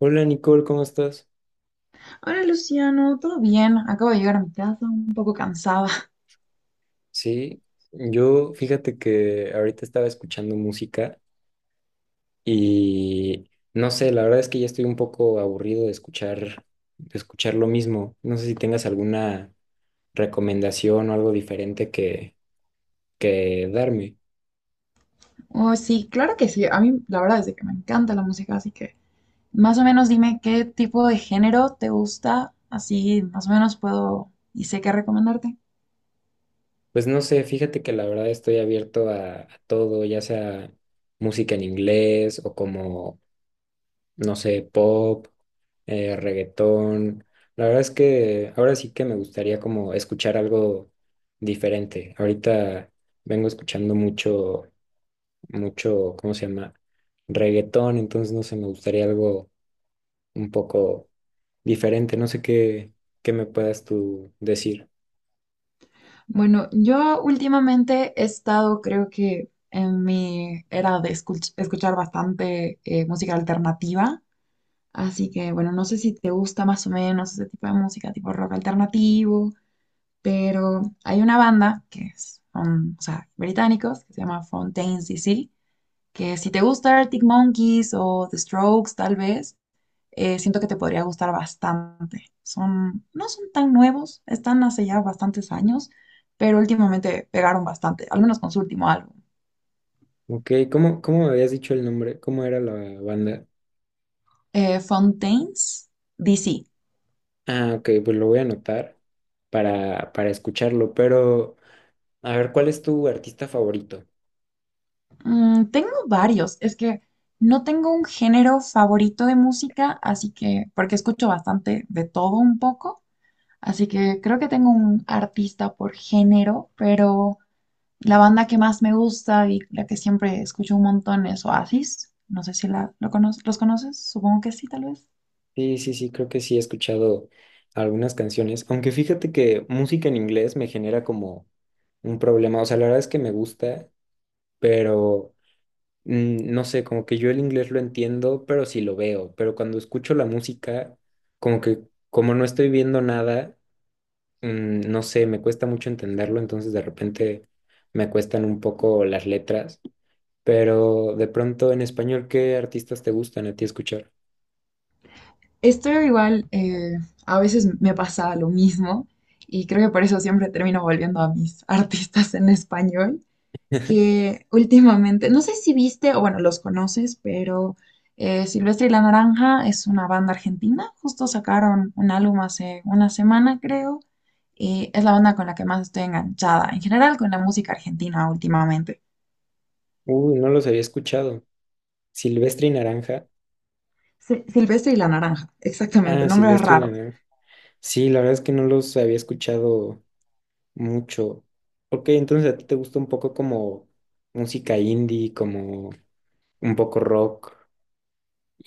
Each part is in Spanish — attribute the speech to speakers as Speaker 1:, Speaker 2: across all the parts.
Speaker 1: Hola Nicole, ¿cómo estás?
Speaker 2: Hola Luciano, ¿todo bien? Acabo de llegar a mi casa, un poco cansada.
Speaker 1: Sí, yo fíjate que ahorita estaba escuchando música y no sé, la verdad es que ya estoy un poco aburrido de escuchar lo mismo. No sé si tengas alguna recomendación o algo diferente que darme.
Speaker 2: Oh, sí, claro que sí. A mí la verdad es que me encanta la música, así que más o menos dime qué tipo de género te gusta, así más o menos puedo y sé qué recomendarte.
Speaker 1: Pues no sé, fíjate que la verdad estoy abierto a todo, ya sea música en inglés o como no sé, pop, reggaetón. La verdad es que ahora sí que me gustaría como escuchar algo diferente. Ahorita vengo escuchando mucho, mucho, ¿cómo se llama? Reggaetón, entonces no sé, me gustaría algo un poco diferente. No sé qué me puedas tú decir.
Speaker 2: Bueno, yo últimamente he estado, creo que en mi era de escuchar bastante música alternativa, así que bueno, no sé si te gusta más o menos ese tipo de música, tipo rock alternativo, pero hay una banda que es, son, o sea, británicos, que se llama Fontaine's DC, que si te gusta Arctic Monkeys o The Strokes, tal vez, siento que te podría gustar bastante. Son, no son tan nuevos, están hace ya bastantes años, pero últimamente pegaron bastante, al menos con su último álbum.
Speaker 1: Ok, ¿¿cómo me habías dicho el nombre? ¿Cómo era la banda?
Speaker 2: Fontaine's DC.
Speaker 1: Ah, ok, pues lo voy a anotar para escucharlo, pero a ver, ¿cuál es tu artista favorito?
Speaker 2: Tengo varios, es que no tengo un género favorito de música, así que, porque escucho bastante de todo un poco. Así que creo que tengo un artista por género, pero la banda que más me gusta y la que siempre escucho un montón es Oasis. No sé si los conoces, supongo que sí, tal vez.
Speaker 1: Sí, sí, sí, creo que sí he escuchado algunas canciones, aunque fíjate que música en inglés me genera como un problema, o sea, la verdad es que me gusta, pero mm, no sé, como que yo el inglés lo entiendo, pero sí lo veo, pero cuando escucho la música, como que como no estoy viendo nada, mm, no sé, me cuesta mucho entenderlo, entonces de repente me cuestan un poco las letras, pero de pronto en español, ¿qué artistas te gustan a ti escuchar?
Speaker 2: Estoy igual, a veces me pasa lo mismo y creo que por eso siempre termino volviendo a mis artistas en español, que últimamente, no sé si viste, o bueno, los conoces, pero Silvestre y la Naranja es una banda argentina, justo sacaron un álbum hace una semana, creo, y es la banda con la que más estoy enganchada, en general con la música argentina últimamente.
Speaker 1: Uy, no los había escuchado. Silvestre y Naranja.
Speaker 2: Silvestre y la Naranja, exactamente,
Speaker 1: Ah,
Speaker 2: nombre
Speaker 1: Silvestre y la
Speaker 2: raro.
Speaker 1: Nave. Sí, la verdad es que no los había escuchado mucho. Ok, entonces a ti te gusta un poco como música indie, como un poco rock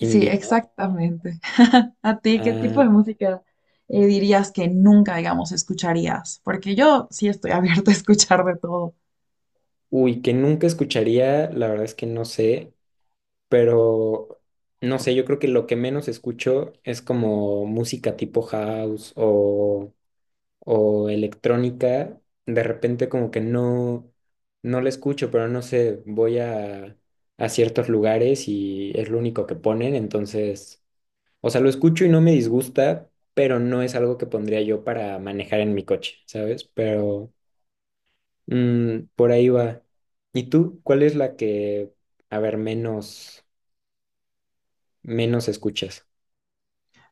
Speaker 2: Sí,
Speaker 1: ¿no?
Speaker 2: exactamente. ¿A ti qué tipo
Speaker 1: Ah,
Speaker 2: de música dirías que nunca, digamos, escucharías? Porque yo sí estoy abierta a escuchar de todo.
Speaker 1: ¿Que nunca escucharía? La verdad es que no sé, pero no sé, yo creo que lo que menos escucho es como música tipo house o electrónica, de repente como que no, no la escucho, pero no sé, a ciertos lugares y es lo único que ponen, entonces, o sea, lo escucho y no me disgusta, pero no es algo que pondría yo para manejar en mi coche, ¿sabes? Pero mm, por ahí va. ¿Y tú, cuál es la a ver, menos escuchas?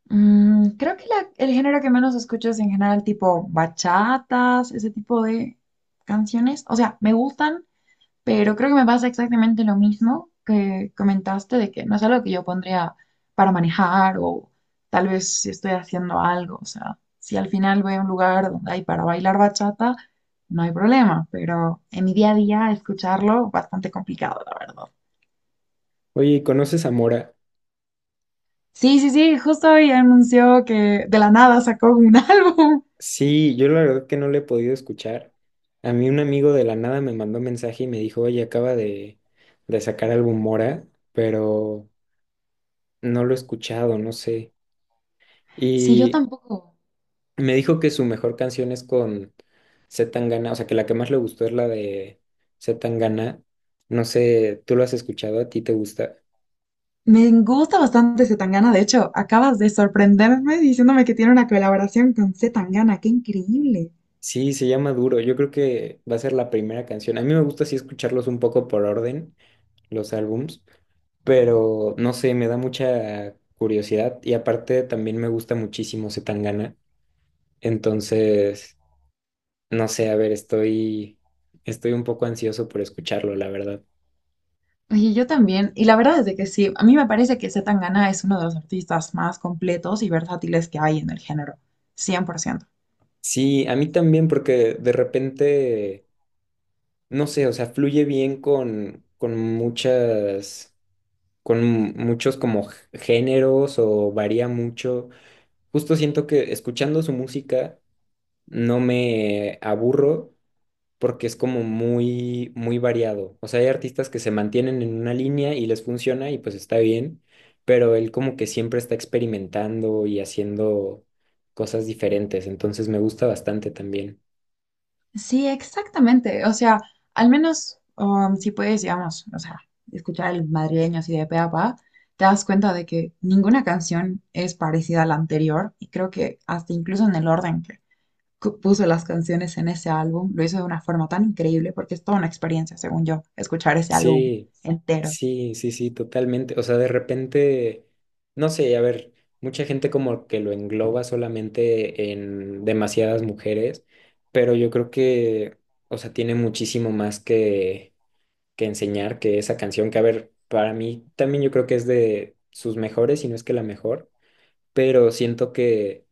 Speaker 2: Creo que el género que menos escucho es en general tipo bachatas, ese tipo de canciones. O sea, me gustan, pero creo que me pasa exactamente lo mismo que comentaste, de que no es algo que yo pondría para manejar o tal vez si estoy haciendo algo. O sea, si al final voy a un lugar donde hay para bailar bachata, no hay problema, pero en mi día a día escucharlo bastante complicado, la verdad.
Speaker 1: Oye, ¿conoces a Mora?
Speaker 2: Sí, sí, sí, justo hoy anunció que de la nada sacó un álbum.
Speaker 1: Sí, yo la verdad que no le he podido escuchar. A mí un amigo de la nada me mandó un mensaje y me dijo, oye, de sacar álbum Mora, pero no lo he escuchado, no sé.
Speaker 2: Sí, yo
Speaker 1: Y
Speaker 2: tampoco.
Speaker 1: me dijo que su mejor canción es con C. Tangana, o sea, que la que más le gustó es la de C. Tangana. No sé, ¿tú lo has escuchado? ¿A ti te gusta?
Speaker 2: Me gusta bastante Zetangana. De hecho, acabas de sorprenderme diciéndome que tiene una colaboración con Zetangana. ¡Qué increíble!
Speaker 1: Sí, se llama Duro. Yo creo que va a ser la primera canción. A mí me gusta así escucharlos un poco por orden, los álbums. Pero no sé, me da mucha curiosidad y aparte también me gusta muchísimo Zetangana. Entonces, no sé, a ver, estoy un poco ansioso por escucharlo, la verdad.
Speaker 2: Oye, yo también. Y la verdad es de que sí, a mí me parece que Zetangana es uno de los artistas más completos y versátiles que hay en el género. 100%.
Speaker 1: Sí, a mí también porque de repente, no sé, o sea, fluye bien con muchas, con muchos como géneros o varía mucho. Justo siento que escuchando su música no me aburro porque es como muy, muy variado. O sea, hay artistas que se mantienen en una línea y les funciona y pues está bien, pero él como que siempre está experimentando y haciendo cosas diferentes, entonces me gusta bastante también.
Speaker 2: Sí, exactamente. O sea, al menos si puedes, digamos, o sea, escuchar el madrileño así de pe a pa, te das cuenta de que ninguna canción es parecida a la anterior. Y creo que hasta incluso en el orden que puso las canciones en ese álbum, lo hizo de una forma tan increíble porque es toda una experiencia, según yo, escuchar ese álbum
Speaker 1: Sí,
Speaker 2: entero.
Speaker 1: sí, totalmente. O sea, de repente, no sé, a ver, mucha gente como que lo engloba solamente en demasiadas mujeres, pero yo creo que, o sea, tiene muchísimo más que enseñar que esa canción, que a ver, para mí también yo creo que es de sus mejores, si no es que la mejor, pero siento que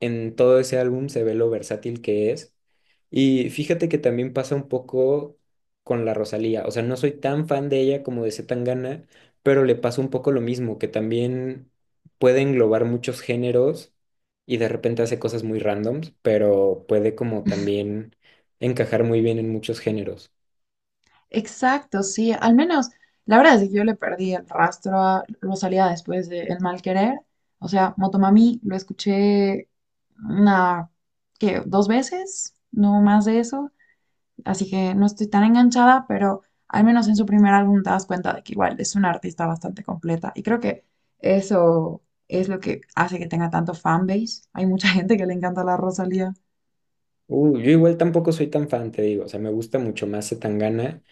Speaker 1: en todo ese álbum se ve lo versátil que es. Y fíjate que también pasa un poco con la Rosalía, o sea, no soy tan fan de ella como de Zetangana, pero le pasa un poco lo mismo, que también puede englobar muchos géneros y de repente hace cosas muy randoms, pero puede como también encajar muy bien en muchos géneros.
Speaker 2: Exacto, sí, al menos la verdad es que yo le perdí el rastro a Rosalía después de El Mal Querer. O sea, Motomami lo escuché una, ¿qué?, dos veces, no más de eso. Así que no estoy tan enganchada, pero al menos en su primer álbum te das cuenta de que igual es una artista bastante completa. Y creo que eso es lo que hace que tenga tanto fanbase. Hay mucha gente que le encanta la Rosalía
Speaker 1: Yo igual tampoco soy tan fan, te digo, o sea, me gusta mucho más Zetangana,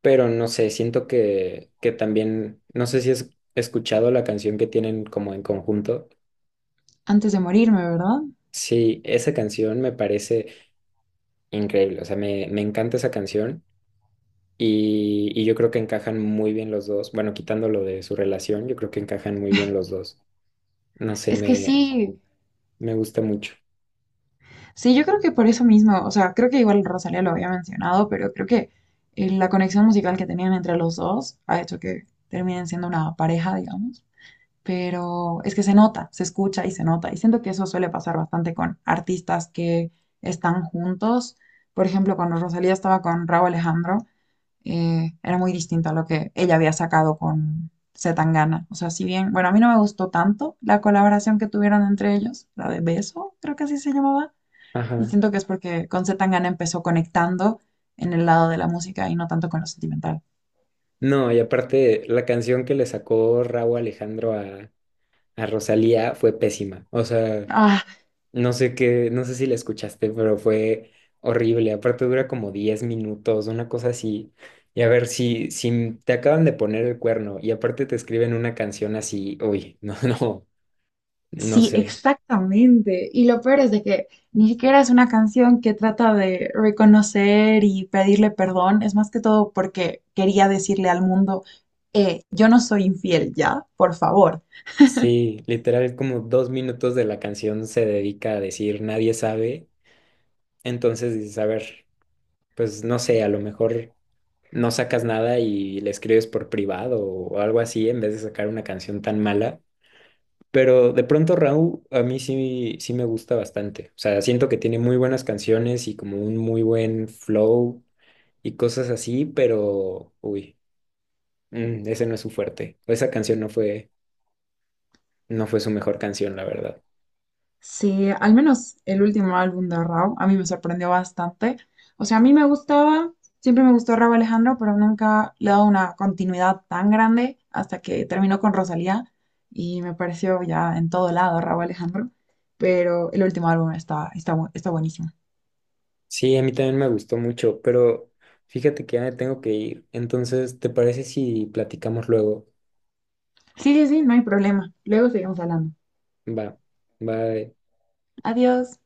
Speaker 1: pero no sé, siento que también, no sé si has escuchado la canción que tienen como en conjunto.
Speaker 2: antes de morirme, ¿verdad?
Speaker 1: Sí, esa canción me parece increíble, o sea, me encanta esa canción y yo creo que encajan muy bien los dos, bueno, quitando lo de su relación, yo creo que encajan muy bien los dos. No sé,
Speaker 2: Es que sí.
Speaker 1: me gusta mucho.
Speaker 2: Sí, yo creo que por eso mismo, o sea, creo que igual Rosalía lo había mencionado, pero creo que la conexión musical que tenían entre los dos ha hecho que terminen siendo una pareja, digamos. Pero es que se nota, se escucha y se nota. Y siento que eso suele pasar bastante con artistas que están juntos. Por ejemplo, cuando Rosalía estaba con Rauw Alejandro, era muy distinto a lo que ella había sacado con Zetangana. O sea, si bien, bueno, a mí no me gustó tanto la colaboración que tuvieron entre ellos, la de Beso, creo que así se llamaba, y
Speaker 1: Ajá.
Speaker 2: siento que es porque con C. Tangana empezó conectando en el lado de la música y no tanto con lo sentimental.
Speaker 1: No, y aparte, la canción que le sacó Rauw Alejandro a Rosalía fue pésima. O sea,
Speaker 2: Ah,
Speaker 1: no sé qué, no sé si la escuchaste, pero fue horrible. Aparte dura como 10 minutos, una cosa así. Y a ver, si te acaban de poner el cuerno y aparte te escriben una canción así, uy, no, no, no
Speaker 2: sí,
Speaker 1: sé.
Speaker 2: exactamente. Y lo peor es de que ni siquiera es una canción que trata de reconocer y pedirle perdón, es más que todo porque quería decirle al mundo, yo no soy infiel ya, por favor.
Speaker 1: Sí, literal como 2 minutos de la canción se dedica a decir nadie sabe. Entonces dices, a ver, pues no sé, a lo mejor no sacas nada y le escribes por privado o algo así en vez de sacar una canción tan mala. Pero de pronto Raúl a mí sí, sí me gusta bastante. O sea, siento que tiene muy buenas canciones y como un muy buen flow y cosas así, pero uy, mm, ese no es su fuerte. Esa canción no fue, no fue su mejor canción, la verdad.
Speaker 2: Sí, al menos el último álbum de Rauw a mí me sorprendió bastante. O sea, a mí me gustaba, siempre me gustó Rauw Alejandro, pero nunca le he dado una continuidad tan grande hasta que terminó con Rosalía y me pareció ya en todo lado Rauw Alejandro. Pero el último álbum está, está, está buenísimo.
Speaker 1: Sí, a mí también me gustó mucho, pero fíjate que ya me tengo que ir. Entonces, ¿te parece si platicamos luego?
Speaker 2: Sí, sí, sí, no hay problema. Luego seguimos hablando.
Speaker 1: Va, va.
Speaker 2: Adiós.